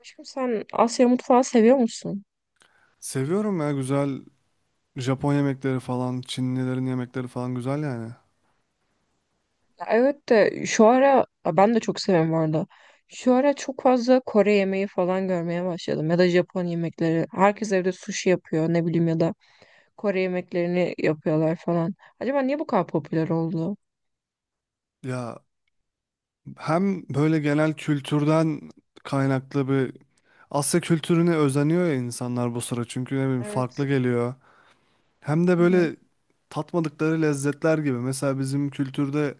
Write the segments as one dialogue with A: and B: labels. A: Aşkım, sen Asya mutfağı seviyor musun?
B: Seviyorum ya, güzel. Japon yemekleri falan, Çinlilerin yemekleri falan güzel yani.
A: Ya evet de şu ara ya ben de çok seviyorum bu arada. Şu ara çok fazla Kore yemeği falan görmeye başladım ya da Japon yemekleri. Herkes evde sushi yapıyor, ne bileyim, ya da Kore yemeklerini yapıyorlar falan. Acaba niye bu kadar popüler oldu?
B: Ya, hem böyle genel kültürden kaynaklı Asya kültürüne özeniyor ya insanlar bu sıra, çünkü ne bileyim farklı
A: Evet.
B: geliyor. Hem de
A: Hı hı.
B: böyle tatmadıkları lezzetler gibi. Mesela bizim kültürde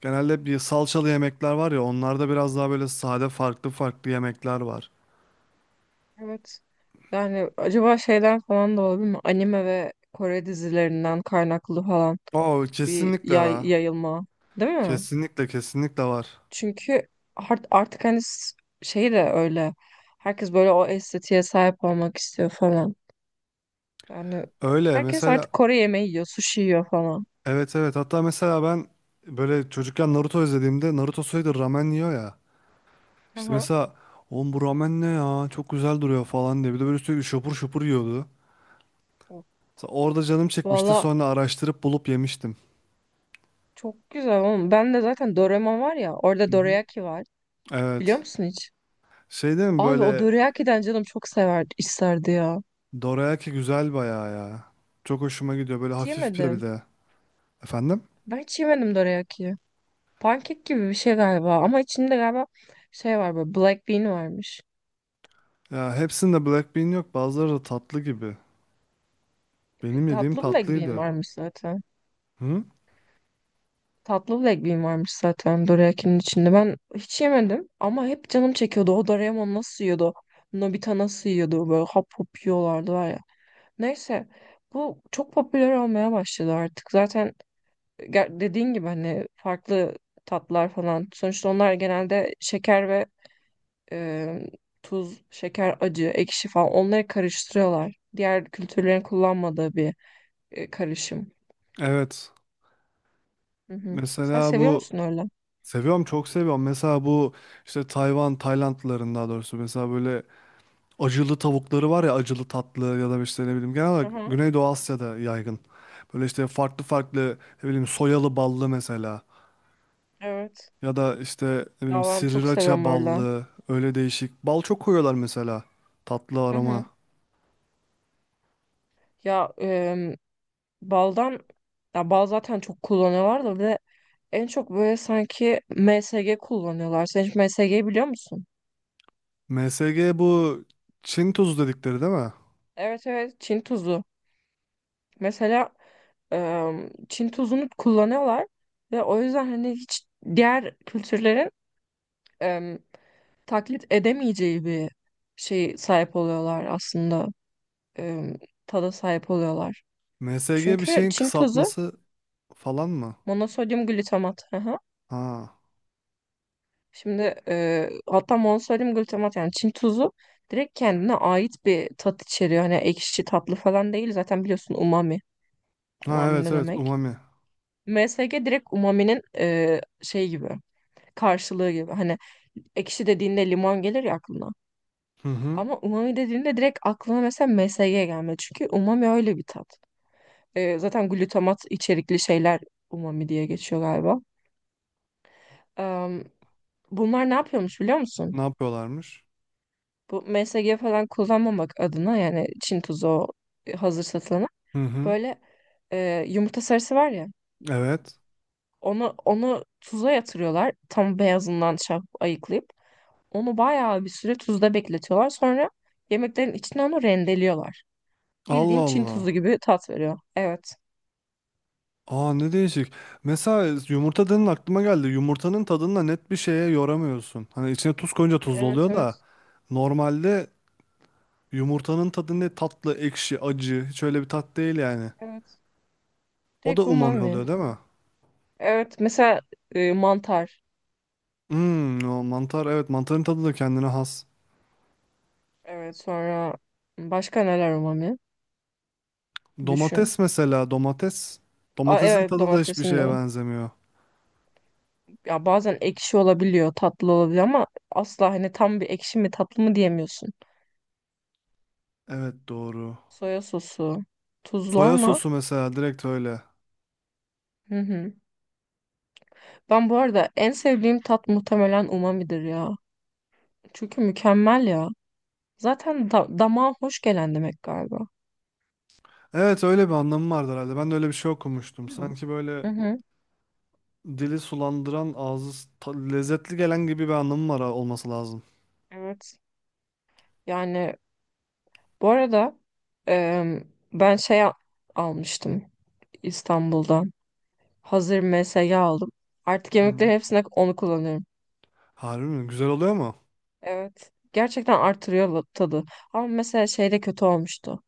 B: genelde bir salçalı yemekler var ya, onlarda biraz daha böyle sade farklı farklı yemekler var.
A: Evet. Yani acaba şeyden falan da olabilir mi? Anime ve Kore dizilerinden kaynaklı falan
B: Oo,
A: bir
B: kesinlikle var.
A: yayılma, değil mi?
B: Kesinlikle var.
A: Çünkü artık hani şey de öyle. Herkes böyle o estetiğe sahip olmak istiyor falan. Yani
B: Öyle
A: herkes
B: mesela.
A: artık Kore yemeği yiyor, sushi yiyor falan.
B: Evet, evet, hatta mesela ben böyle çocukken Naruto izlediğimde Naruto sürekli ramen yiyor ya. İşte
A: Aha.
B: mesela oğlum, bu ramen ne ya, çok güzel duruyor falan diye, bir de böyle sürekli şopur şopur yiyordu. Mesela orada canım çekmişti,
A: Valla
B: sonra araştırıp bulup yemiştim.
A: çok güzel oğlum. Ben de zaten Doraemon var ya,
B: Hı
A: orada
B: hı.
A: dorayaki var. Biliyor
B: Evet,
A: musun hiç?
B: şey değil mi
A: Abi o
B: böyle,
A: dorayaki'den canım çok severdi, isterdi ya.
B: dorayaki güzel bayağı ya. Çok hoşuma gidiyor, böyle
A: Hiç
B: hafif bir
A: yemedim.
B: de. Efendim?
A: Ben hiç yemedim dorayaki'yi. Pankek gibi bir şey galiba ama içinde galiba şey var, böyle black bean varmış.
B: Ya hepsinde black bean yok, bazıları da tatlı gibi. Benim yediğim
A: Tatlı black bean
B: tatlıydı.
A: varmış zaten.
B: Hı?
A: Tatlı black varmış zaten dorayakinin içinde. Ben hiç yemedim ama hep canım çekiyordu. O Doraemon nasıl yiyordu? Nobita nasıl yiyordu? Böyle hap hop yiyorlardı var ya. Neyse, bu çok popüler olmaya başladı artık. Zaten dediğin gibi hani farklı tatlar falan. Sonuçta onlar genelde şeker ve e, tuz, şeker, acı, ekşi falan onları karıştırıyorlar. Diğer kültürlerin kullanmadığı bir karışım.
B: Evet.
A: Hı hı. Sen
B: Mesela
A: seviyor
B: bu,
A: musun öyle?
B: seviyorum, çok seviyorum. Mesela bu işte Tayvan, Taylandlıların daha doğrusu, mesela böyle acılı tavukları var ya, acılı tatlı, ya da işte ne bileyim genel
A: Hı
B: olarak
A: hı.
B: Güneydoğu Asya'da yaygın. Böyle işte farklı farklı ne bileyim, soyalı ballı mesela,
A: Evet.
B: ya da işte ne bileyim
A: Ya ben çok
B: sriracha
A: seviyorum öyle.
B: ballı, öyle değişik. Bal çok koyuyorlar, mesela tatlı
A: Hı
B: arama.
A: hı. Ya baldan, ya bal zaten çok kullanıyorlar da bir de en çok böyle sanki MSG kullanıyorlar. Sen hiç MSG'yi biliyor musun?
B: MSG, bu Çin tuzu dedikleri değil mi?
A: Evet evet, Çin tuzu. Mesela Çin tuzunu kullanıyorlar ve o yüzden hani hiç diğer kültürlerin em, taklit edemeyeceği bir şey sahip oluyorlar aslında. Em, Tada sahip oluyorlar.
B: MSG bir
A: Çünkü
B: şeyin
A: Çin tuzu
B: kısaltması falan mı?
A: monosodyum glutamat.
B: Ha.
A: Şimdi hatta monosodium glutamat, yani Çin tuzu direkt kendine ait bir tat içeriyor. Hani ekşi tatlı falan değil. Zaten biliyorsun, umami.
B: Ha,
A: Umami
B: evet
A: ne
B: evet,
A: demek?
B: umami.
A: MSG direkt umaminin şey gibi, karşılığı gibi. Hani ekşi dediğinde limon gelir ya aklına.
B: Hı hı.
A: Ama umami dediğinde direkt aklına mesela MSG gelmedi. Çünkü umami öyle bir tat. Zaten glutamat içerikli şeyler umami diye geçiyor galiba. Em, Bunlar ne yapıyormuş biliyor musun?
B: Ne yapıyorlarmış?
A: Bu MSG falan kullanmamak adına, yani Çin tuzu, o hazır satılanı,
B: Hı hı.
A: böyle yumurta sarısı var ya,
B: Evet.
A: onu tuza yatırıyorlar, tam beyazından şey yapıp ayıklayıp onu bayağı bir süre tuzda bekletiyorlar, sonra yemeklerin içine onu rendeliyorlar.
B: Allah
A: Bildiğin Çin tuzu
B: Allah.
A: gibi tat veriyor. Evet.
B: Aa, ne değişik. Mesela yumurta dedin, aklıma geldi. Yumurtanın tadını da net bir şeye yoramıyorsun. Hani içine tuz koyunca tuzlu
A: Evet
B: oluyor da,
A: evet.
B: normalde yumurtanın tadı ne, tatlı, ekşi, acı. Hiç öyle bir tat değil yani.
A: Evet.
B: O da
A: Direkt
B: umami
A: umami.
B: oluyor değil mi?
A: Evet mesela mantar.
B: Hmm, o mantar, evet, mantarın tadı da kendine has.
A: Evet, sonra başka neler umami? Düşün.
B: Domates mesela, domates.
A: Aa,
B: Domatesin
A: evet,
B: tadı da hiçbir
A: domatesin de.
B: şeye benzemiyor.
A: Ya bazen ekşi olabiliyor, tatlı olabiliyor ama asla hani tam bir ekşi mi tatlı mı diyemiyorsun.
B: Evet, doğru.
A: Soya sosu tuzlu
B: Soya
A: ama,
B: sosu mesela, direkt öyle.
A: hı hı. Ben bu arada en sevdiğim tat muhtemelen umamidir ya. Çünkü mükemmel ya. Zaten da damağa hoş gelen demek galiba.
B: Evet, öyle bir anlamı vardı herhalde. Ben de öyle bir şey okumuştum.
A: Değil mi?
B: Sanki böyle
A: Hı hı.
B: dili sulandıran, lezzetli gelen gibi bir anlamı olması lazım.
A: Evet. Yani bu arada ben almıştım İstanbul'dan. Hazır MSG aldım. Artık
B: Hı
A: yemeklerin
B: hı.
A: hepsine onu kullanıyorum.
B: Harbi mi? Güzel oluyor mu?
A: Evet. Gerçekten artırıyor tadı. Ama mesela şeyde kötü olmuştu.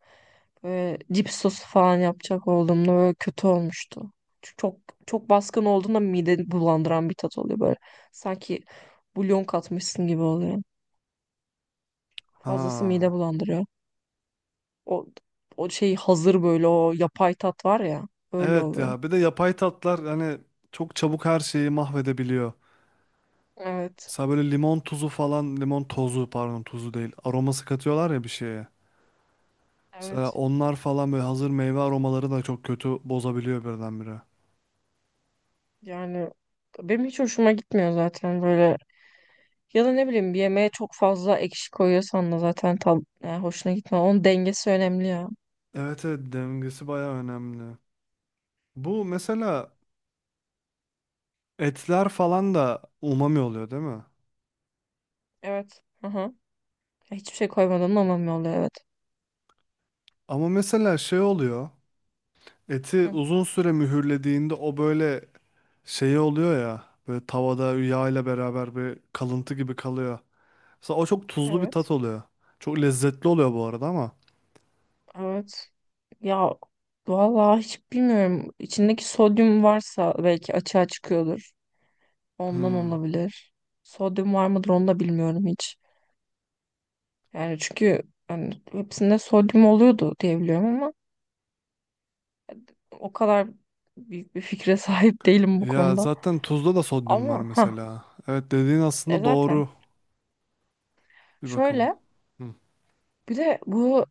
A: Böyle cips sosu falan yapacak olduğumda böyle kötü olmuştu. Çünkü çok, çok baskın olduğunda mideni bulandıran bir tat oluyor böyle. Sanki bulyon katmışsın gibi oluyor. Fazlası mide
B: Ha.
A: bulandırıyor. O o şey, hazır böyle o yapay tat var ya, öyle
B: Evet
A: oluyor.
B: ya. Bir de yapay tatlar hani çok çabuk her şeyi mahvedebiliyor.
A: Evet.
B: Mesela böyle limon tozu, pardon, tuzu değil. Aroması katıyorlar ya bir şeye. Mesela
A: Evet.
B: onlar falan, böyle hazır meyve aromaları da çok kötü bozabiliyor birdenbire.
A: Yani benim hiç hoşuma gitmiyor zaten böyle. Ya da ne bileyim, bir yemeğe çok fazla ekşi koyuyorsan da zaten tam yani hoşuna gitmez. Onun dengesi önemli ya.
B: Evet evet, dengesi baya önemli. Bu mesela etler falan da umami oluyor değil mi?
A: Evet. Hı hı. Ya hiçbir şey koymadan da mamya oluyor, evet.
B: Ama mesela şey oluyor. Eti
A: Hı.
B: uzun süre mühürlediğinde o böyle şey oluyor ya. Böyle tavada yağ ile beraber bir kalıntı gibi kalıyor. Mesela o çok tuzlu bir tat
A: Evet.
B: oluyor. Çok lezzetli oluyor bu arada ama.
A: Evet. Ya vallahi hiç bilmiyorum. İçindeki sodyum varsa belki açığa çıkıyordur. Ondan
B: Hmm.
A: olabilir. Sodyum var mıdır onu da bilmiyorum hiç. Yani çünkü hani hepsinde sodyum oluyordu diye biliyorum ama o kadar büyük bir fikre sahip değilim bu
B: Ya
A: konuda.
B: zaten tuzda da sodyum var
A: Ama ha,
B: mesela. Evet, dediğin aslında
A: zaten
B: doğru bir bakıma.
A: şöyle.
B: Hmm.
A: Bir de bu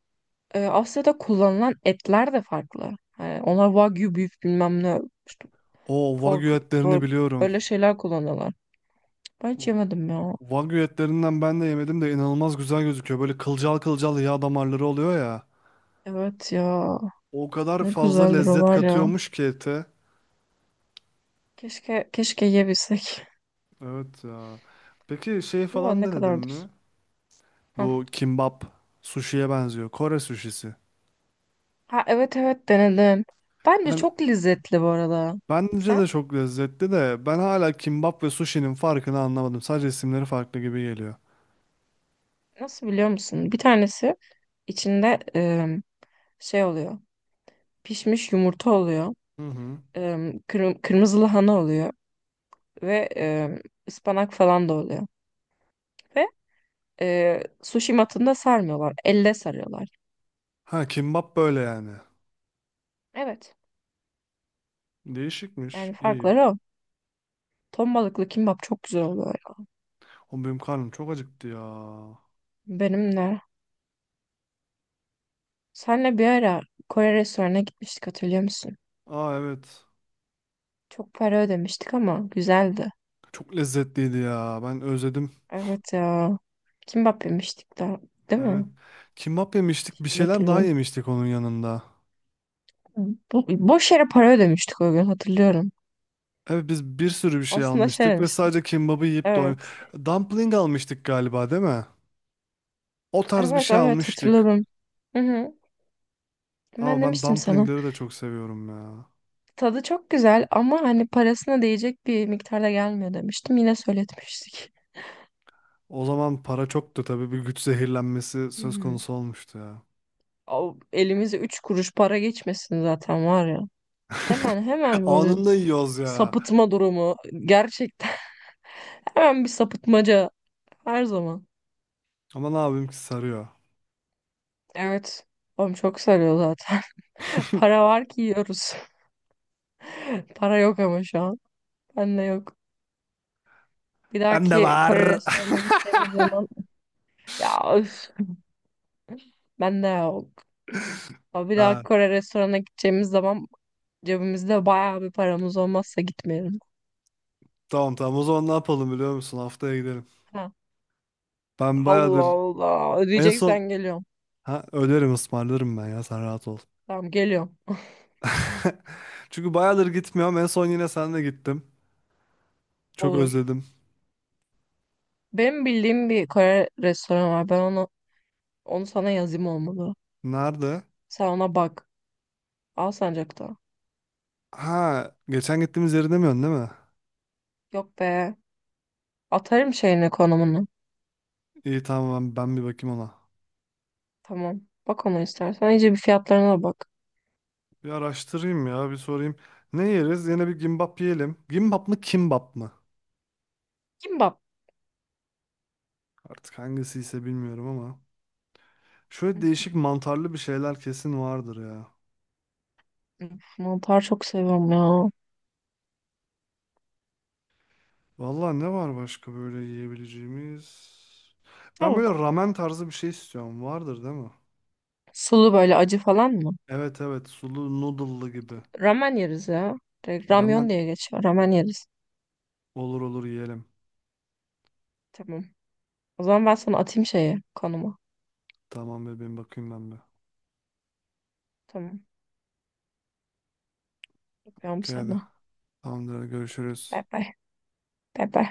A: Asya'da kullanılan etler de farklı. Yani onlar wagyu beef bilmem ne, işte
B: O
A: pork,
B: wagyu etlerini
A: ro-
B: biliyorum.
A: öyle şeyler kullanıyorlar. Ben hiç yemedim ya.
B: Wagyu etlerinden ben de yemedim de, inanılmaz güzel gözüküyor. Böyle kılcal kılcal yağ damarları oluyor ya.
A: Evet ya.
B: O kadar
A: Ne
B: fazla
A: güzeldir o
B: lezzet
A: var ya.
B: katıyormuş ki ete.
A: Keşke, keşke yiyebilsek.
B: Evet ya. Peki şey
A: Değil mi?
B: falan
A: Ne
B: denedin
A: kadardır?
B: mi?
A: Hah.
B: Bu kimbap sushi'ye benziyor. Kore sushisi.
A: Ha evet evet, denedim. Bence
B: Ben
A: çok lezzetli bu arada.
B: Bence de
A: Sen
B: çok lezzetli de, ben hala kimbap ve sushi'nin farkını anlamadım. Sadece isimleri farklı gibi geliyor.
A: nasıl biliyor musun? Bir tanesi içinde şey oluyor. Pişmiş yumurta oluyor.
B: Hı hı.
A: E, Kırmızı lahana oluyor ve ıspanak falan da oluyor. Ve sushi matında sarmıyorlar. Elle sarıyorlar.
B: Ha, kimbap böyle yani.
A: Evet.
B: Değişikmiş.
A: Yani
B: İyi.
A: farkları o. Ton balıklı kimbap çok güzel oluyor ya.
B: O, benim karnım çok acıktı ya.
A: Benim de. Senle bir ara Kore restoranına gitmiştik, hatırlıyor musun?
B: Aa, evet.
A: Çok para ödemiştik ama güzeldi.
B: Çok lezzetliydi ya. Ben özledim.
A: Evet ya. Kimbap yemiştik daha. Değil
B: Evet.
A: mi?
B: Kimbap yemiştik. Bir
A: Şimdi
B: şeyler daha
A: hatırlıyorum.
B: yemiştik onun yanında.
A: Bu, boş yere para ödemiştik o gün, hatırlıyorum.
B: Evet, biz bir sürü bir şey
A: Aslında şey
B: almıştık ve
A: demiştik.
B: sadece kimbabı yiyip doy...
A: Evet.
B: Dumpling almıştık galiba değil mi? O tarz bir
A: Evet
B: şey
A: evet,
B: almıştık.
A: hatırladım. Hı hı. Ben
B: Ama ben
A: demiştim sana.
B: dumplingleri de çok seviyorum ya.
A: Tadı çok güzel ama hani parasına değecek bir miktarda gelmiyor, demiştim. Yine söyletmiştik.
B: O zaman para çoktu tabii, bir güç zehirlenmesi
A: Hı
B: söz
A: hı.
B: konusu olmuştu ya.
A: O elimize üç kuruş para geçmesin zaten var ya. Hemen hemen böyle
B: Anında yiyoruz ya.
A: sapıtma durumu, gerçekten. Hemen bir sapıtmaca her zaman.
B: Ama ne yapayım ki sarıyor.
A: Evet. Oğlum çok sarıyor zaten. Para var ki yiyoruz. Para yok ama şu an. Bende yok. Bir
B: Ben de
A: dahaki Kore
B: var.
A: restoranına gideceğimiz zaman, ya öf, bende yok. Ama bir dahaki
B: Ha,
A: Kore restoranına gideceğimiz zaman cebimizde bayağı bir paramız olmazsa gitmeyelim.
B: tamam tamam, o zaman ne yapalım biliyor musun? Haftaya gidelim.
A: Ha.
B: Ben
A: Allah
B: bayağıdır
A: Allah.
B: en son...
A: Ödeyeceksen geliyorum.
B: Ha, öderim, ısmarlarım ben ya, sen rahat ol.
A: Tamam, geliyorum.
B: Çünkü bayağıdır gitmiyorum. En son yine senle gittim. Çok
A: Olur.
B: özledim.
A: Benim bildiğim bir Kore restoranı var. Ben onu sana yazayım, olmalı.
B: Nerede?
A: Sen ona bak. Alsancak'ta.
B: Ha, geçen gittiğimiz yeri demiyorsun değil mi?
A: Yok be. Atarım şeyini, konumunu.
B: İyi, tamam, ben bir bakayım ona.
A: Tamam. Bak onu istersen. İyice bir fiyatlarına da bak.
B: Bir araştırayım ya, bir sorayım. Ne yeriz? Yine bir gimbap yiyelim. Gimbap mı, kimbap mı?
A: Kimbap.
B: Artık hangisi ise bilmiyorum ama.
A: Hı
B: Şöyle
A: hı.
B: değişik mantarlı bir şeyler kesin vardır ya.
A: Üf, mantar çok seviyorum ya.
B: Vallahi ne var başka böyle yiyebileceğimiz? Ben böyle
A: Tavuk.
B: ramen tarzı bir şey istiyorum. Vardır değil mi?
A: Sulu böyle acı falan mı?
B: Evet evet, sulu noodle'lı gibi.
A: Ramen yeriz ya. Direkt ramyon
B: Ramen,
A: diye geçiyor. Ramen yeriz.
B: olur olur, yiyelim.
A: Tamam. O zaman ben sana atayım şeyi, konumu.
B: Tamam bebeğim, bakayım ben bir.
A: Tamam. Öpüyorum
B: Okey hadi.
A: seni.
B: Tamamdır, hadi
A: Bay
B: görüşürüz.
A: bay. Bay bay.